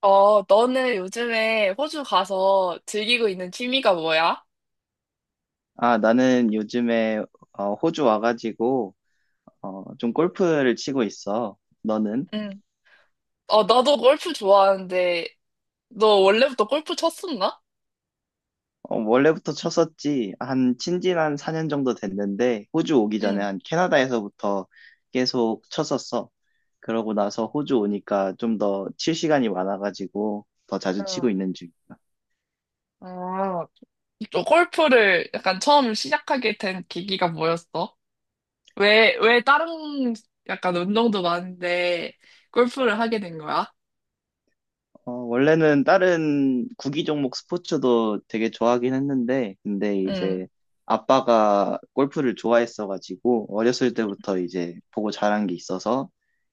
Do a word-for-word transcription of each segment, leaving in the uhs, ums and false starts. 어, 너는 요즘에 호주 가서 즐기고 있는 취미가 뭐야? 아, 나는 요즘에 어, 호주 와가지고 어, 좀 골프를 치고 있어. 너는? 응. 어, 나도 골프 좋아하는데, 너 원래부터 골프 쳤었나? 어, 원래부터 쳤었지. 한 친지 한 사 년 정도 됐는데 호주 오기 전에 응. 한 캐나다에서부터 계속 쳤었어. 그러고 나서 호주 오니까 좀 더 칠 시간이 많아가지고 더 자주 어, 치고 있는 중이야. 어, 또 골프를 약간 처음 시작하게 된 계기가 뭐였어? 왜, 왜 다른 약간 운동도 많은데 골프를 하게 된 거야? 어, 원래는 다른 구기 종목 스포츠도 되게 좋아하긴 했는데, 근데 응, 이제 아빠가 골프를 좋아했어가지고, 어렸을 때부터 이제 보고 자란 게 있어서,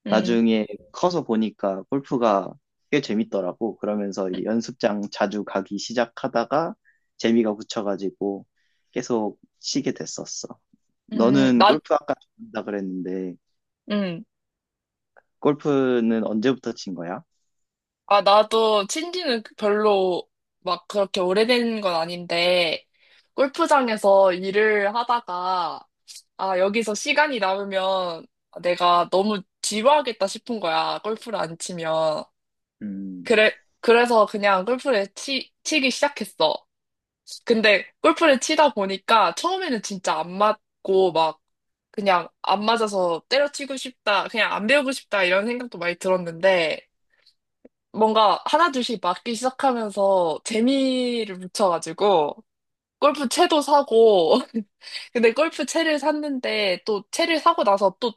응, 나중에 커서 보니까 골프가 꽤 재밌더라고. 그러면서 이제 연습장 자주 가기 시작하다가 재미가 붙여가지고 계속 치게 됐었어. 응 너는 난, 골프 아까 친다 그랬는데, 응. 골프는 언제부터 친 거야? 아, 나도 친지는 별로 막 그렇게 오래된 건 아닌데, 골프장에서 일을 하다가, 아, 여기서 시간이 남으면 내가 너무 지루하겠다 싶은 거야. 골프를 안 치면. 음, 그래, 그래서 그냥 골프를 치, 치기 시작했어. 근데 골프를 치다 보니까 처음에는 진짜 안 맞고 막 그냥 안 맞아서 때려치고 싶다, 그냥 안 배우고 싶다 이런 생각도 많이 들었는데, 뭔가 하나둘씩 맞기 시작하면서 재미를 붙여가지고 골프 채도 사고 근데 골프 채를 샀는데 또 채를 사고 나서 또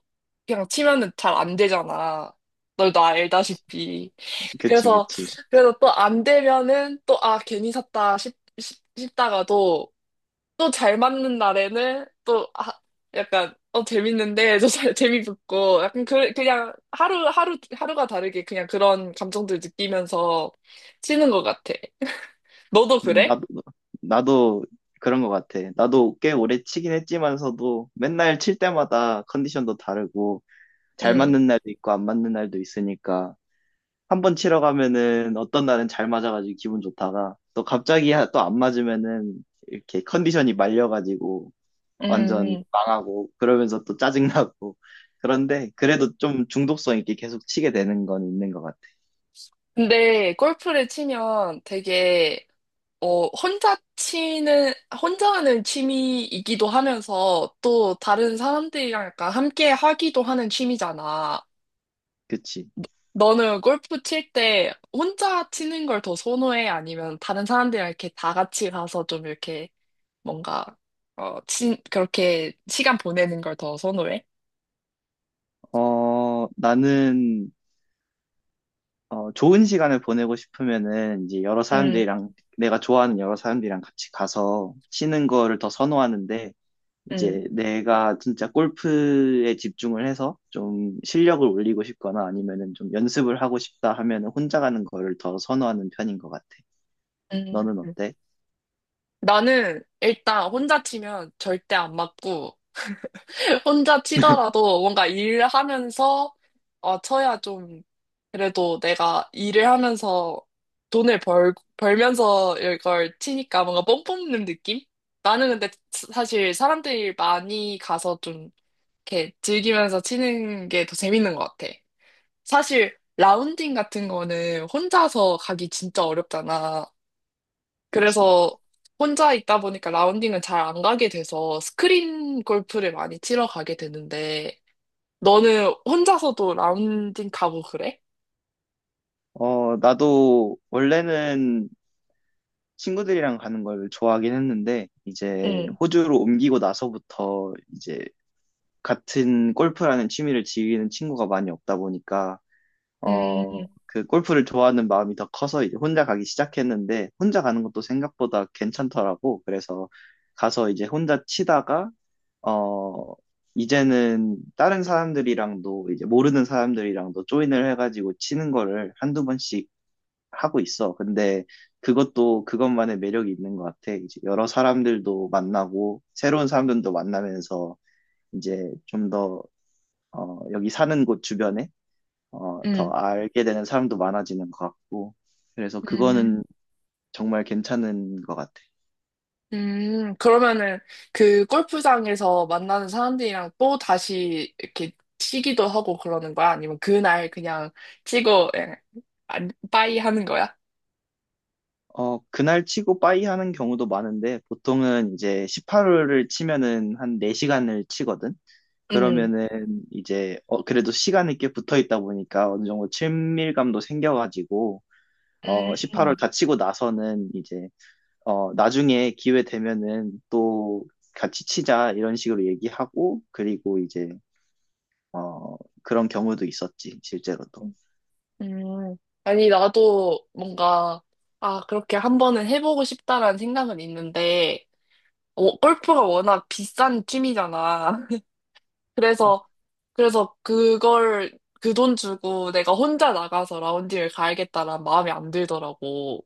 그냥 치면은 잘 안 되잖아. 너도 알다시피. 그치, 그래서 그치. 그래서 또 안 되면은 또 아 괜히 샀다 싶, 싶, 싶다가도 또 잘 맞는 날에는 또 아, 약간 어 재밌는데 저 잘 재미붙고 약간 그, 그냥 하루 하루 하루가 다르게 그냥 그런 감정들 느끼면서 치는 것 같아. 너도 음, 그래? 나도, 나도 그런 것 같아. 나도 꽤 오래 치긴 했지만서도 맨날 칠 때마다 컨디션도 다르고 잘 음, 맞는 날도 있고 안 맞는 날도 있으니까 한 번 치러 가면은 어떤 날은 잘 맞아가지고 기분 좋다가 또 갑자기 또 안 맞으면은 이렇게 컨디션이 말려가지고 완전 음. 망하고 그러면서 또 짜증나고 그런데 그래도 좀 중독성 있게 계속 치게 되는 건 있는 것 같아. 근데 골프를 치면 되게 어 혼자 치는 혼자 하는 취미이기도 하면서 또 다른 사람들이랑 약간 함께 하기도 하는 취미잖아. 그치? 너는 골프 칠 때 혼자 치는 걸 더 선호해? 아니면 다른 사람들이랑 이렇게 다 같이 가서 좀 이렇게 뭔가, 어, 친, 그렇게 시간 보내는 걸 더 선호해? 어, 나는 어, 좋은 시간을 보내고 싶으면은 이제 여러 응, 사람들이랑 내가 좋아하는 여러 사람들이랑 같이 가서 치는 거를 더 선호하는데 응, 이제 내가 진짜 골프에 집중을 해서 좀 실력을 올리고 싶거나 아니면은 좀 연습을 하고 싶다 하면은 혼자 가는 거를 더 선호하는 편인 것 같아. 너는 응. 어때? 나는 일단 혼자 치면 절대 안 맞고, 혼자 치더라도 뭔가 일하면서, 어, 쳐야 좀 그래도 내가 일을 하면서 돈을 벌, 벌면서 이걸 치니까 뭔가 뽕 뽑는 느낌? 나는 근데 스- 사실 사람들이 많이 가서 좀 이렇게 즐기면서 치는 게 더 재밌는 것 같아. 사실 라운딩 같은 거는 혼자서 가기 진짜 어렵잖아. 그치. 그래서 혼자 있다 보니까 라운딩은 잘 안 가게 돼서 스크린 골프를 많이 치러 가게 되는데 너는 혼자서도 라운딩 가고 그래? 어, 나도 원래는 친구들이랑 가는 걸 좋아하긴 했는데, 이제 응. 호주로 옮기고 나서부터 이제 같은 골프라는 취미를 즐기는 친구가 많이 없다 보니까 음, 어, 그 골프를 좋아하는 마음이 더 커서 이제 혼자 가기 시작했는데 혼자 가는 것도 생각보다 괜찮더라고. 그래서 가서 이제 혼자 치다가 어, 이제는 다른 사람들이랑도 이제 모르는 사람들이랑도 조인을 해가지고 치는 거를 한두 번씩 하고 있어. 근데 그것도 그것만의 매력이 있는 것 같아. 이제 여러 사람들도 만나고 새로운 사람들도 만나면서 이제 좀더 어, 여기 사는 곳 주변에 어, 더 음. 알게 되는 사람도 많아지는 것 같고 그래서 음, 그거는 정말 괜찮은 것 같아. 음, 그러면은 그 골프장에서 만나는 사람들이랑 또 다시 이렇게 치기도 하고 그러는 거야? 아니면 그날 그냥 치고, 예, 안, 빠이 하는 거야? 어, 그날 치고 빠이 하는 경우도 많은데 보통은 이제 십팔 홀을 치면은 한 네 시간을 치거든. 음, 그러면은 이제 어, 그래도 시간이 꽤 붙어 있다 보니까 어느 정도 친밀감도 생겨가지고 어, 십팔 홀 음, 다 치고 나서는 이제 어, 나중에 기회 되면은 또 같이 치자 이런 식으로 얘기하고 그리고 이제 어, 그런 경우도 있었지, 실제로도. 음. 아니, 나도 뭔가, 아, 그렇게 한 번은 해보고 싶다라는 생각은 있는데, 어, 골프가 워낙 비싼 취미잖아. 그래서, 그래서 그걸, 그 돈 주고 내가 혼자 나가서 라운딩을 가야겠다라는 마음이 안 들더라고.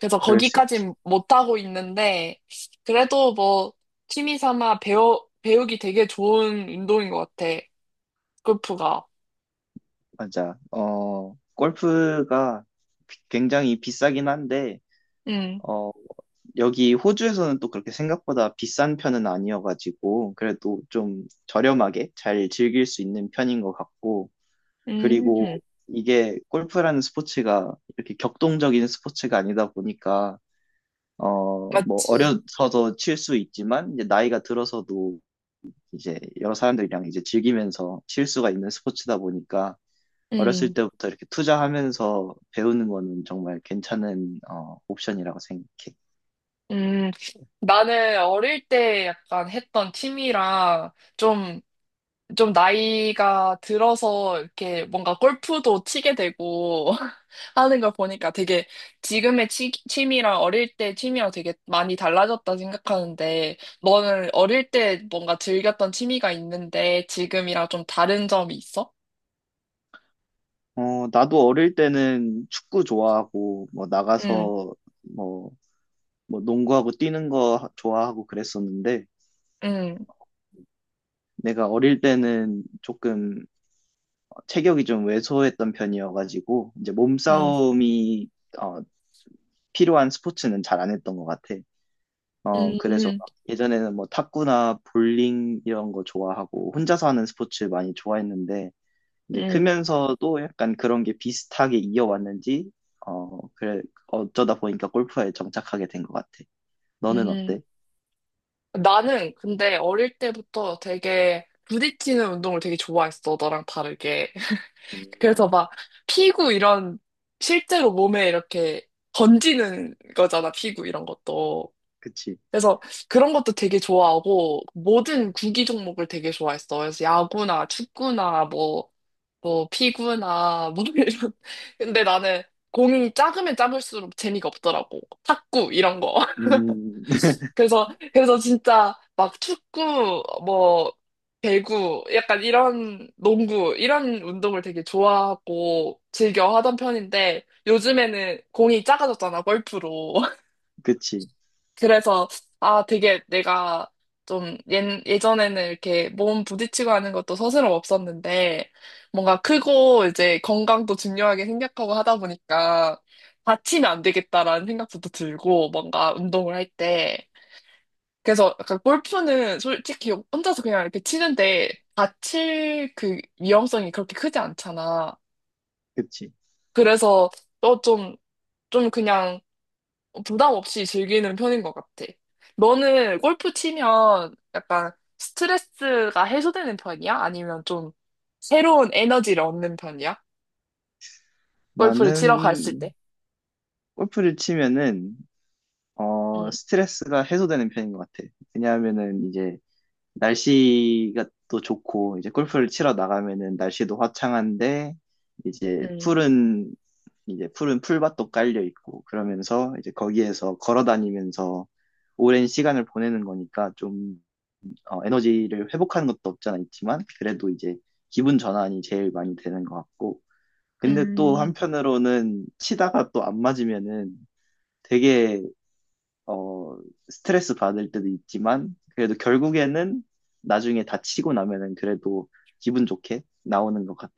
그래서 그럴 수 있지. 거기까진 못하고 있는데, 그래도 뭐, 취미 삼아 배우, 배우기 되게 좋은 운동인 것 같아. 골프가. 맞아. 어, 골프가 비- 굉장히 비싸긴 한데, 음, 어, 여기 호주에서는 또 그렇게 생각보다 비싼 편은 아니어가지고, 그래도 좀 저렴하게 잘 즐길 수 있는 편인 것 같고, 음, 그리고 이게 골프라는 스포츠가 이렇게 격동적인 스포츠가 아니다 보니까, 어, 뭐, 맞지. 어려서도 칠 수 있지만, 이제 나이가 들어서도 이제 여러 사람들이랑 이제 즐기면서 실수가 있는 스포츠다 보니까 어렸을 음, 때부터 이렇게 투자하면서 배우는 거는 정말 괜찮은 어, 옵션이라고 생각해. 음. 나는 어릴 때 약간 했던 취미랑 좀 좀 나이가 들어서 이렇게 뭔가 골프도 치게 되고 하는 걸 보니까 되게 지금의 치, 취미랑 어릴 때 취미랑 되게 많이 달라졌다 생각하는데 너는 어릴 때 뭔가 즐겼던 취미가 있는데 지금이랑 좀 다른 점이 있어? 어, 나도 어릴 때는 축구 좋아하고 뭐 응, 나가서 뭐, 뭐 농구하고 뛰는 거 좋아하고 그랬었는데 응, 내가 어릴 때는 조금 체격이 좀 왜소했던 편이어가지고 이제 응, 몸싸움이 어, 필요한 스포츠는 잘 안 했던 것 같아. 어, 그래서 응, 막 예전에는 뭐 탁구나 볼링 이런 거 좋아하고 혼자서 하는 스포츠 많이 좋아했는데 이제 응, 크면서도 약간 그런 게 비슷하게 이어왔는지 어, 그래 어쩌다 보니까 골프에 정착하게 된 것 같아. 너는 응. 어때? 나는 근데 어릴 때부터 되게 부딪히는 운동을 되게 좋아했어, 너랑 다르게. 그래서 음, 막 피구 이런 실제로 몸에 이렇게 던지는 거잖아, 피구 이런 것도. 그치. 그래서 그런 것도 되게 좋아하고 모든 구기 종목을 되게 좋아했어. 그래서 야구나 축구나 뭐, 뭐 피구나 뭐 이런. 근데 나는 공이 작으면 작을수록 재미가 없더라고. 탁구 이런 거. 음, 그래서, 그래서 진짜 막 축구, 뭐, 배구, 약간 이런 농구, 이런 운동을 되게 좋아하고 즐겨 하던 편인데 요즘에는 공이 작아졌잖아, 골프로. 그치. 그래서, 아, 되게 내가 좀 예, 예전에는 이렇게 몸 부딪히고 하는 것도 서슴 없었는데 뭔가 크고 이제 건강도 중요하게 생각하고 하다 보니까 다치면 안 되겠다라는 생각부터 들고 뭔가 운동을 할 때. 그래서 약간 골프는 솔직히 혼자서 그냥 이렇게 치는데 다칠 그 위험성이 그렇게 크지 않잖아. 그치. 그래서 또 좀, 좀 그냥 부담 없이 즐기는 편인 것 같아. 너는 골프 치면 약간 스트레스가 해소되는 편이야? 아니면 좀 새로운 에너지를 얻는 편이야? 골프를 치러 갔을 나는 때. 골프를 치면은 어, 응, 스트레스가 해소되는 편인 것 같아. 왜냐하면은 이제 날씨가 또 좋고 이제 골프를 치러 나가면은 날씨도 화창한데 이제 응, 풀은 이제 푸른 풀밭도 깔려 있고 그러면서 이제 거기에서 걸어 다니면서 오랜 시간을 보내는 거니까 좀 어, 에너지를 회복하는 것도 없잖아 있지만 그래도 이제 기분 전환이 제일 많이 되는 것 같고 근데 또 음. 한편으로는 치다가 또 안 맞으면은 되게 어, 스트레스 받을 때도 있지만, 그래도 결국에는 나중에 다치고 나면은 그래도 기분 좋게 나오는 것 같아.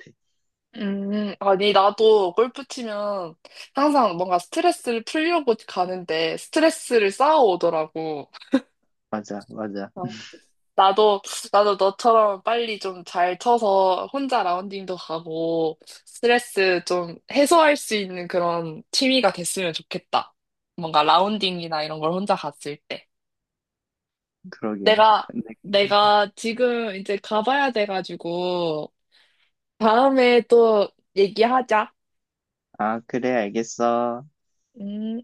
음, 아니, 나도 골프 치면 항상 뭔가 스트레스를 풀려고 가는데 스트레스를 쌓아오더라고. 맞아, 맞아. 어, 나도, 나도 너처럼 빨리 좀 잘 쳐서 혼자 라운딩도 가고 스트레스 좀 해소할 수 있는 그런 취미가 됐으면 좋겠다. 뭔가 라운딩이나 이런 걸 혼자 갔을 때. 그러게. 내가, 근데- 내가 지금 이제 가봐야 돼가지고 다음에 또 얘기하자. 아, 그래, 알겠어. 음.